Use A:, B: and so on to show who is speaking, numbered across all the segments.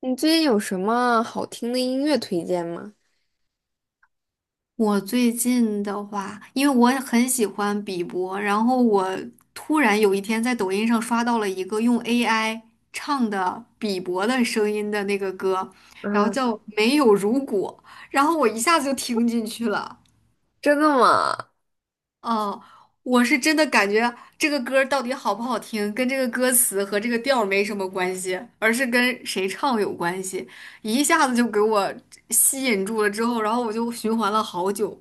A: 你最近有什么好听的音乐推荐吗？
B: 我最近的话，因为我也很喜欢比伯，然后我突然有一天在抖音上刷到了一个用 AI 唱的比伯的声音的那个歌，然后
A: 啊，
B: 叫《没有如果》，然后我一下子就听进去了。
A: 真的吗
B: 哦，我是真的感觉这个歌儿到底好不好听，跟这个歌词和这个调儿没什么关系，而是跟谁唱有关系，一下子就给我吸引住了。之后，然后我就循环了好久。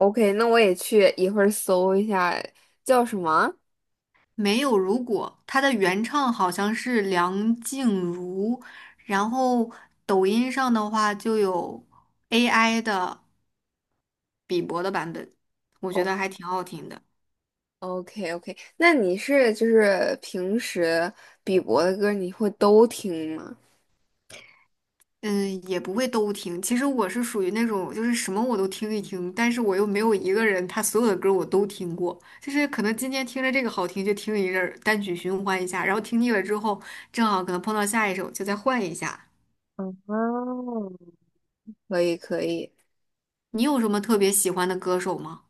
A: ？OK，那我也去一会儿搜一下叫什么。
B: 没有如果，它的原唱好像是梁静茹，然后抖音上的话就有 AI 的比伯的版本，我觉
A: 哦，
B: 得还挺好听的。
A: OK OK，那你是就是平时比伯的歌你会都听吗？
B: 嗯，也不会都听。其实我是属于那种就是什么我都听一听，但是我又没有一个人他所有的歌我都听过，就是可能今天听着这个好听就听一阵儿，单曲循环一下，然后听腻了之后，正好可能碰到下一首就再换一下。
A: 哦，可以可以，
B: 你有什么特别喜欢的歌手吗？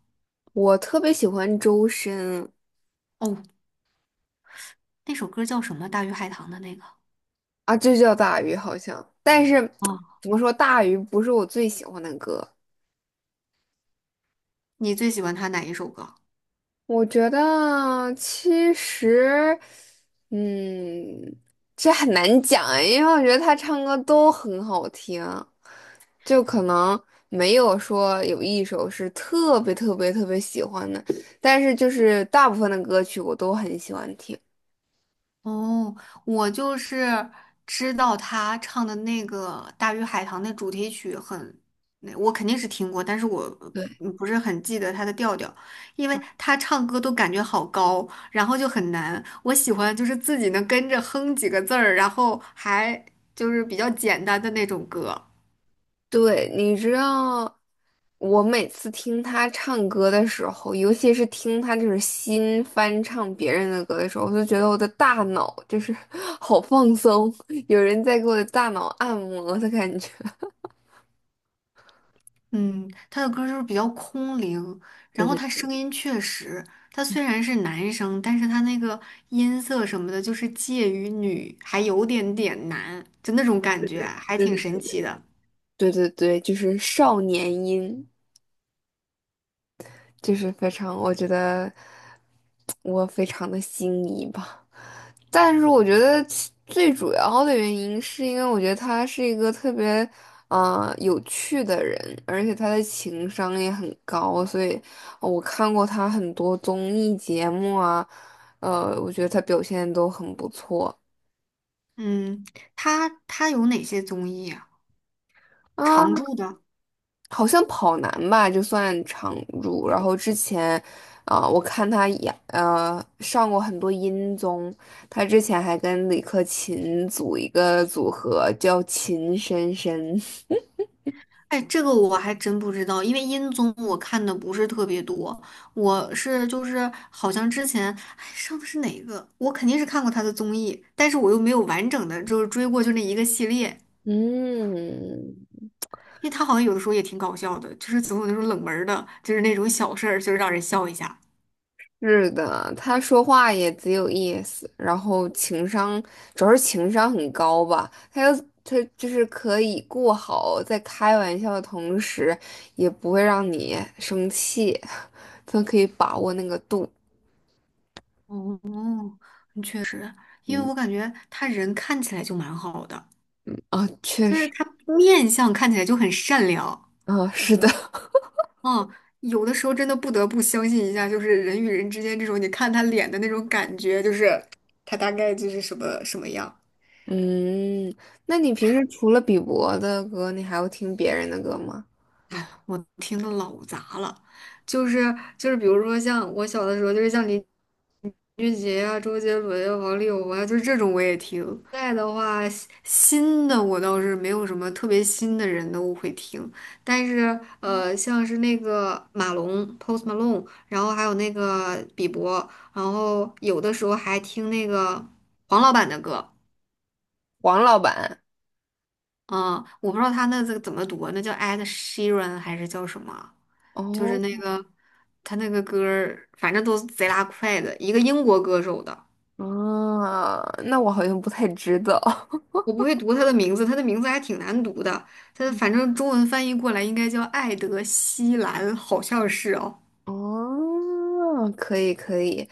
A: 我特别喜欢周深
B: 哦，那首歌叫什么？大鱼海棠的那个。
A: 啊，就叫大鱼好像，但是
B: 哦，
A: 怎么说大鱼不是我最喜欢的歌。
B: 你最喜欢他哪一首歌？
A: 我觉得其实，嗯，这很难讲哎因为我觉得他唱歌都很好听，就可能没有说有一首是特别特别特别喜欢的，但是就是大部分的歌曲我都很喜欢听。
B: 哦，我就是知道他唱的那个《大鱼海棠》那主题曲很，那我肯定是听过，但是我
A: 对，
B: 不是很记得他的调调，因为他唱歌都感觉好高，然后就很难。我喜欢就是自己能跟着哼几个字儿，然后还就是比较简单的那种歌。
A: 对，你知道，我每次听他唱歌的时候，尤其是听他就是新翻唱别人的歌的时候，我就觉得我的大脑就是 好放松，有人在给我的大脑按摩的感觉。
B: 嗯，他的歌就是比较空灵，
A: 对
B: 然后他
A: 对
B: 声音确实，他虽然是男生，但是他那个音色什么的，就是介于女还有点点男，就那种感觉，还挺
A: 对
B: 神奇
A: 对
B: 的。
A: 对对对，就是少年音。就是非常，我觉得我非常的心仪吧。但是我觉得其最主要的原因是因为我觉得他是一个特别，啊有趣的人，而且他的情商也很高，所以我看过他很多综艺节目啊，我觉得他表现都很不错。
B: 嗯，他有哪些综艺啊？
A: 啊。
B: 常驻的？
A: 好像跑男吧，就算常驻。然后之前，啊、我看他演，上过很多音综，他之前还跟李克勤组一个组合叫秦深深。
B: 哎，这个我还真不知道，因为音综我看的不是特别多，我是就是好像之前哎上的是哪个，我肯定是看过他的综艺，但是我又没有完整的就是追过就那一个系列。
A: 嗯，
B: 因为他好像有的时候也挺搞笑的，就是总有那种冷门儿的，就是那种小事儿，就是让人笑一下。
A: 是的，他说话也只有意思，然后主要是情商很高吧，他就是可以过好在开玩笑的同时，也不会让你生气，他可以把握那个度。
B: 哦，确实，因为
A: 嗯
B: 我感觉他人看起来就蛮好的，
A: 啊，确
B: 就是
A: 实
B: 他面相看起来就很善良。
A: 啊，是的，
B: 嗯，有的时候真的不得不相信一下，就是人与人之间这种，你看他脸的那种感觉，就是他大概就是什么什么样。
A: 嗯，那你平时除了比伯的歌，你还会听别人的歌吗？
B: 我听的老杂了，就是，比如说像我小的时候，就是像邻俊杰啊，周杰伦呀、王力宏啊，就是这种我也听。现在的话，新的我倒是没有什么特别新的人都会听，但是像是那个马龙 （Post Malone），然后还有那个比伯，然后有的时候还听那个黄老板的歌。
A: 黄老板，
B: 嗯，我不知道他那个怎么读啊那叫 Ed Sheeran 还是叫什么？就是那
A: 哦，
B: 个他那个歌儿反正都是贼拉快的，一个英国歌手的。
A: 啊，那我好像不太知道。
B: 我不会读他的名字，他的名字还挺难读的。他的反正中文翻译过来应该叫艾德希兰，好像是哦。
A: 哦，可以可以，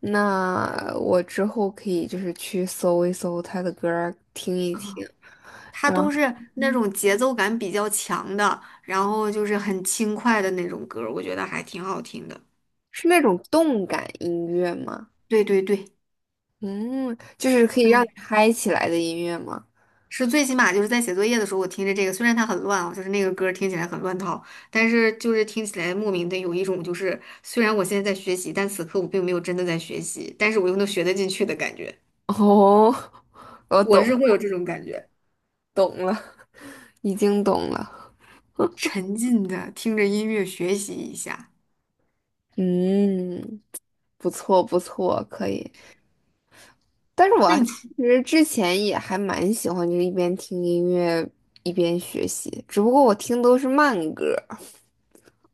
A: 那我之后可以就是去搜一搜他的歌儿，听一听。
B: 他
A: 然
B: 都
A: 后
B: 是那种节奏感比较强的，然后就是很轻快的那种歌儿我觉得还挺好听的。
A: 是那种动感音乐吗？
B: 对对对，
A: 嗯，就是可以让你
B: 嗯，
A: 嗨起来的音乐吗？
B: 是最起码就是在写作业的时候，我听着这个，虽然它很乱啊，就是那个歌儿听起来很乱套，但是就是听起来莫名的有一种就是，虽然我现在在学习，但此刻我并没有真的在学习，但是我又能学得进去的感觉，
A: 哦，我
B: 我
A: 懂
B: 是会有这种感觉。
A: 懂了，已经懂了。
B: 沉浸的听着音乐学习一下。
A: 嗯，不错不错，可以。但是我
B: 那
A: 啊
B: 你
A: 其
B: 除
A: 实之前也还蛮喜欢，就是一边听音乐一边学习，只不过我听都是慢歌。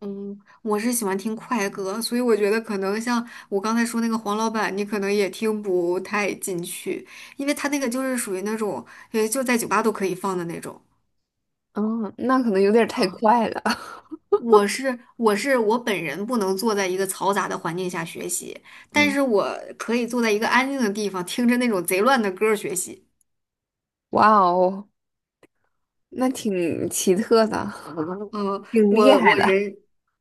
B: 嗯，我是喜欢听快歌，所以我觉得可能像我刚才说那个黄老板，你可能也听不太进去，因为他那个就是属于那种，就在酒吧都可以放的那种。
A: 嗯，那可能有点儿太
B: 啊，
A: 快了。
B: 我本人不能坐在一个嘈杂的环境下学习，但
A: 嗯，
B: 是我可以坐在一个安静的地方，听着那种贼乱的歌儿学习。
A: 哇哦，那挺奇特的，
B: 嗯，
A: 挺厉
B: 我
A: 害
B: 我
A: 的。
B: 人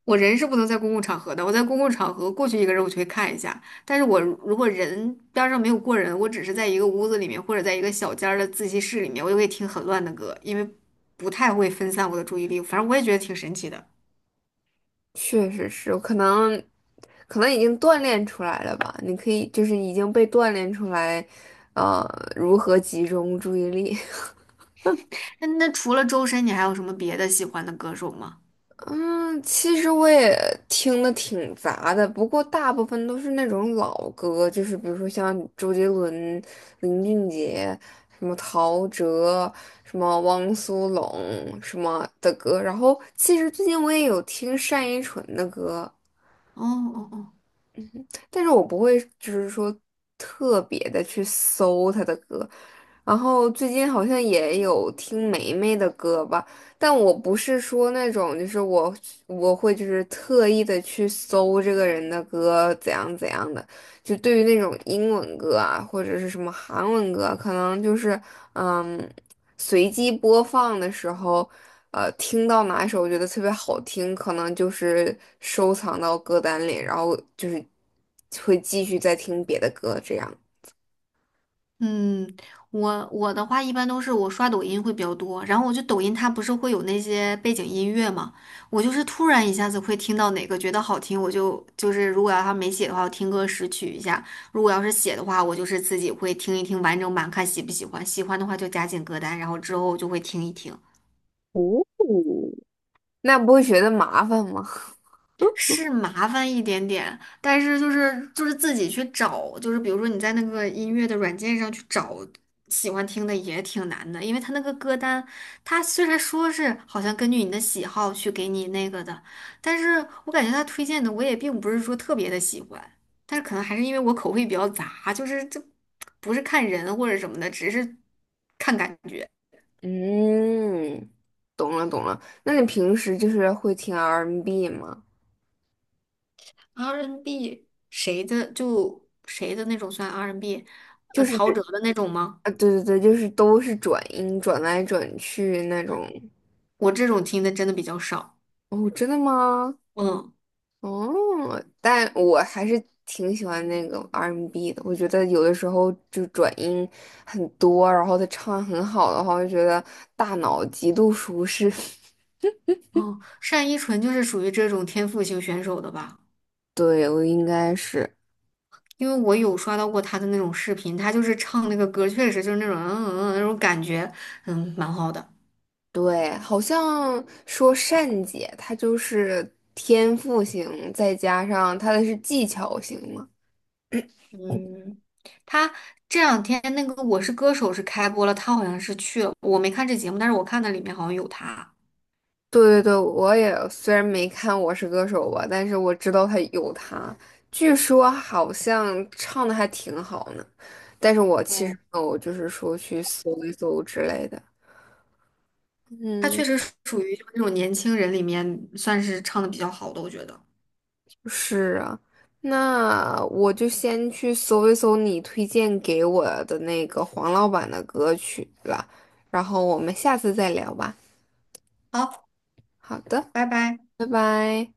B: 我人是不能在公共场合的，我在公共场合过去一个人我就会看一下，但是我如果人边儿上没有过人，我只是在一个屋子里面或者在一个小间儿的自习室里面，我就会听很乱的歌，因为不太会分散我的注意力，反正我也觉得挺神奇的。
A: 确实是，可能已经锻炼出来了吧？你可以就是已经被锻炼出来，呃，如何集中注意力。
B: 那除了周深，你还有什么别的喜欢的歌手吗？
A: 嗯，其实我也听的挺杂的，不过大部分都是那种老歌，就是比如说像周杰伦、林俊杰、什么陶喆、什么汪苏泷什么的歌。然后其实最近我也有听单依纯的歌，
B: 哦哦哦。
A: 但是我不会就是说特别的去搜他的歌。然后最近好像也有听梅梅的歌吧，但我不是说那种，我会就是特意的去搜这个人的歌怎样怎样的，就对于那种英文歌啊，或者是什么韩文歌啊，可能就是嗯。随机播放的时候，听到哪一首我觉得特别好听，可能就是收藏到歌单里，然后就是会继续再听别的歌，这样。
B: 嗯，我的话一般都是我刷抖音会比较多，然后我就抖音它不是会有那些背景音乐嘛，我就是突然一下子会听到哪个觉得好听，我就如果要它没写的话，我听歌识曲一下；如果要是写的话，我就是自己会听一听完整版，看喜不喜欢，喜欢的话就加进歌单，然后之后就会听一听。
A: 哦，那不会觉得麻烦吗？
B: 是麻烦一点点，但是就是自己去找，就是比如说你在那个音乐的软件上去找喜欢听的也挺难的，因为他那个歌单，他虽然说是好像根据你的喜好去给你那个的，但是我感觉他推荐的我也并不是说特别的喜欢，但是可能还是因为我口味比较杂，就是这不是看人或者什么的，只是看感觉。
A: 嗯，懂了懂了。那你平时就是会听 R&B n 吗？
B: R&B n 谁的就谁的那种算 R&B，n
A: 就是
B: 陶喆的那种吗？
A: 啊，对对对，就是都是转音转来转去那种。
B: 我这种听的真的比较少。
A: 哦，真的吗？
B: 嗯，
A: 哦，但我还是挺喜欢那个 R&B 的。我觉得有的时候就转音很多，然后他唱很好的话，我就觉得大脑极度舒适。
B: 嗯，单依纯就是属于这种天赋型选手的吧？
A: 对，我应该是
B: 因为我有刷到过她的那种视频，她就是唱那个歌，确实就是那种嗯嗯嗯那种感觉，嗯，蛮好的。
A: 对，好像说善姐她就是天赋型，再加上她的是技巧型嘛。
B: 嗯，她这两天那个《我是歌手》是开播了，她好像是去了，我没看这节目，但是我看的里面好像有她。
A: 对对对，我也虽然没看《我是歌手》吧，但是我知道他有他，据说好像唱的还挺好呢。但是我其实
B: 哦，
A: 没有，就是说去搜一搜之类的。
B: 她确
A: 嗯，
B: 实属于就是那种年轻人里面算是唱的比较好的，我觉得。
A: 是啊，那我就先去搜一搜你推荐给我的那个黄老板的歌曲了，然后我们下次再聊吧。
B: 好，
A: 好的，
B: 拜拜。
A: 拜拜。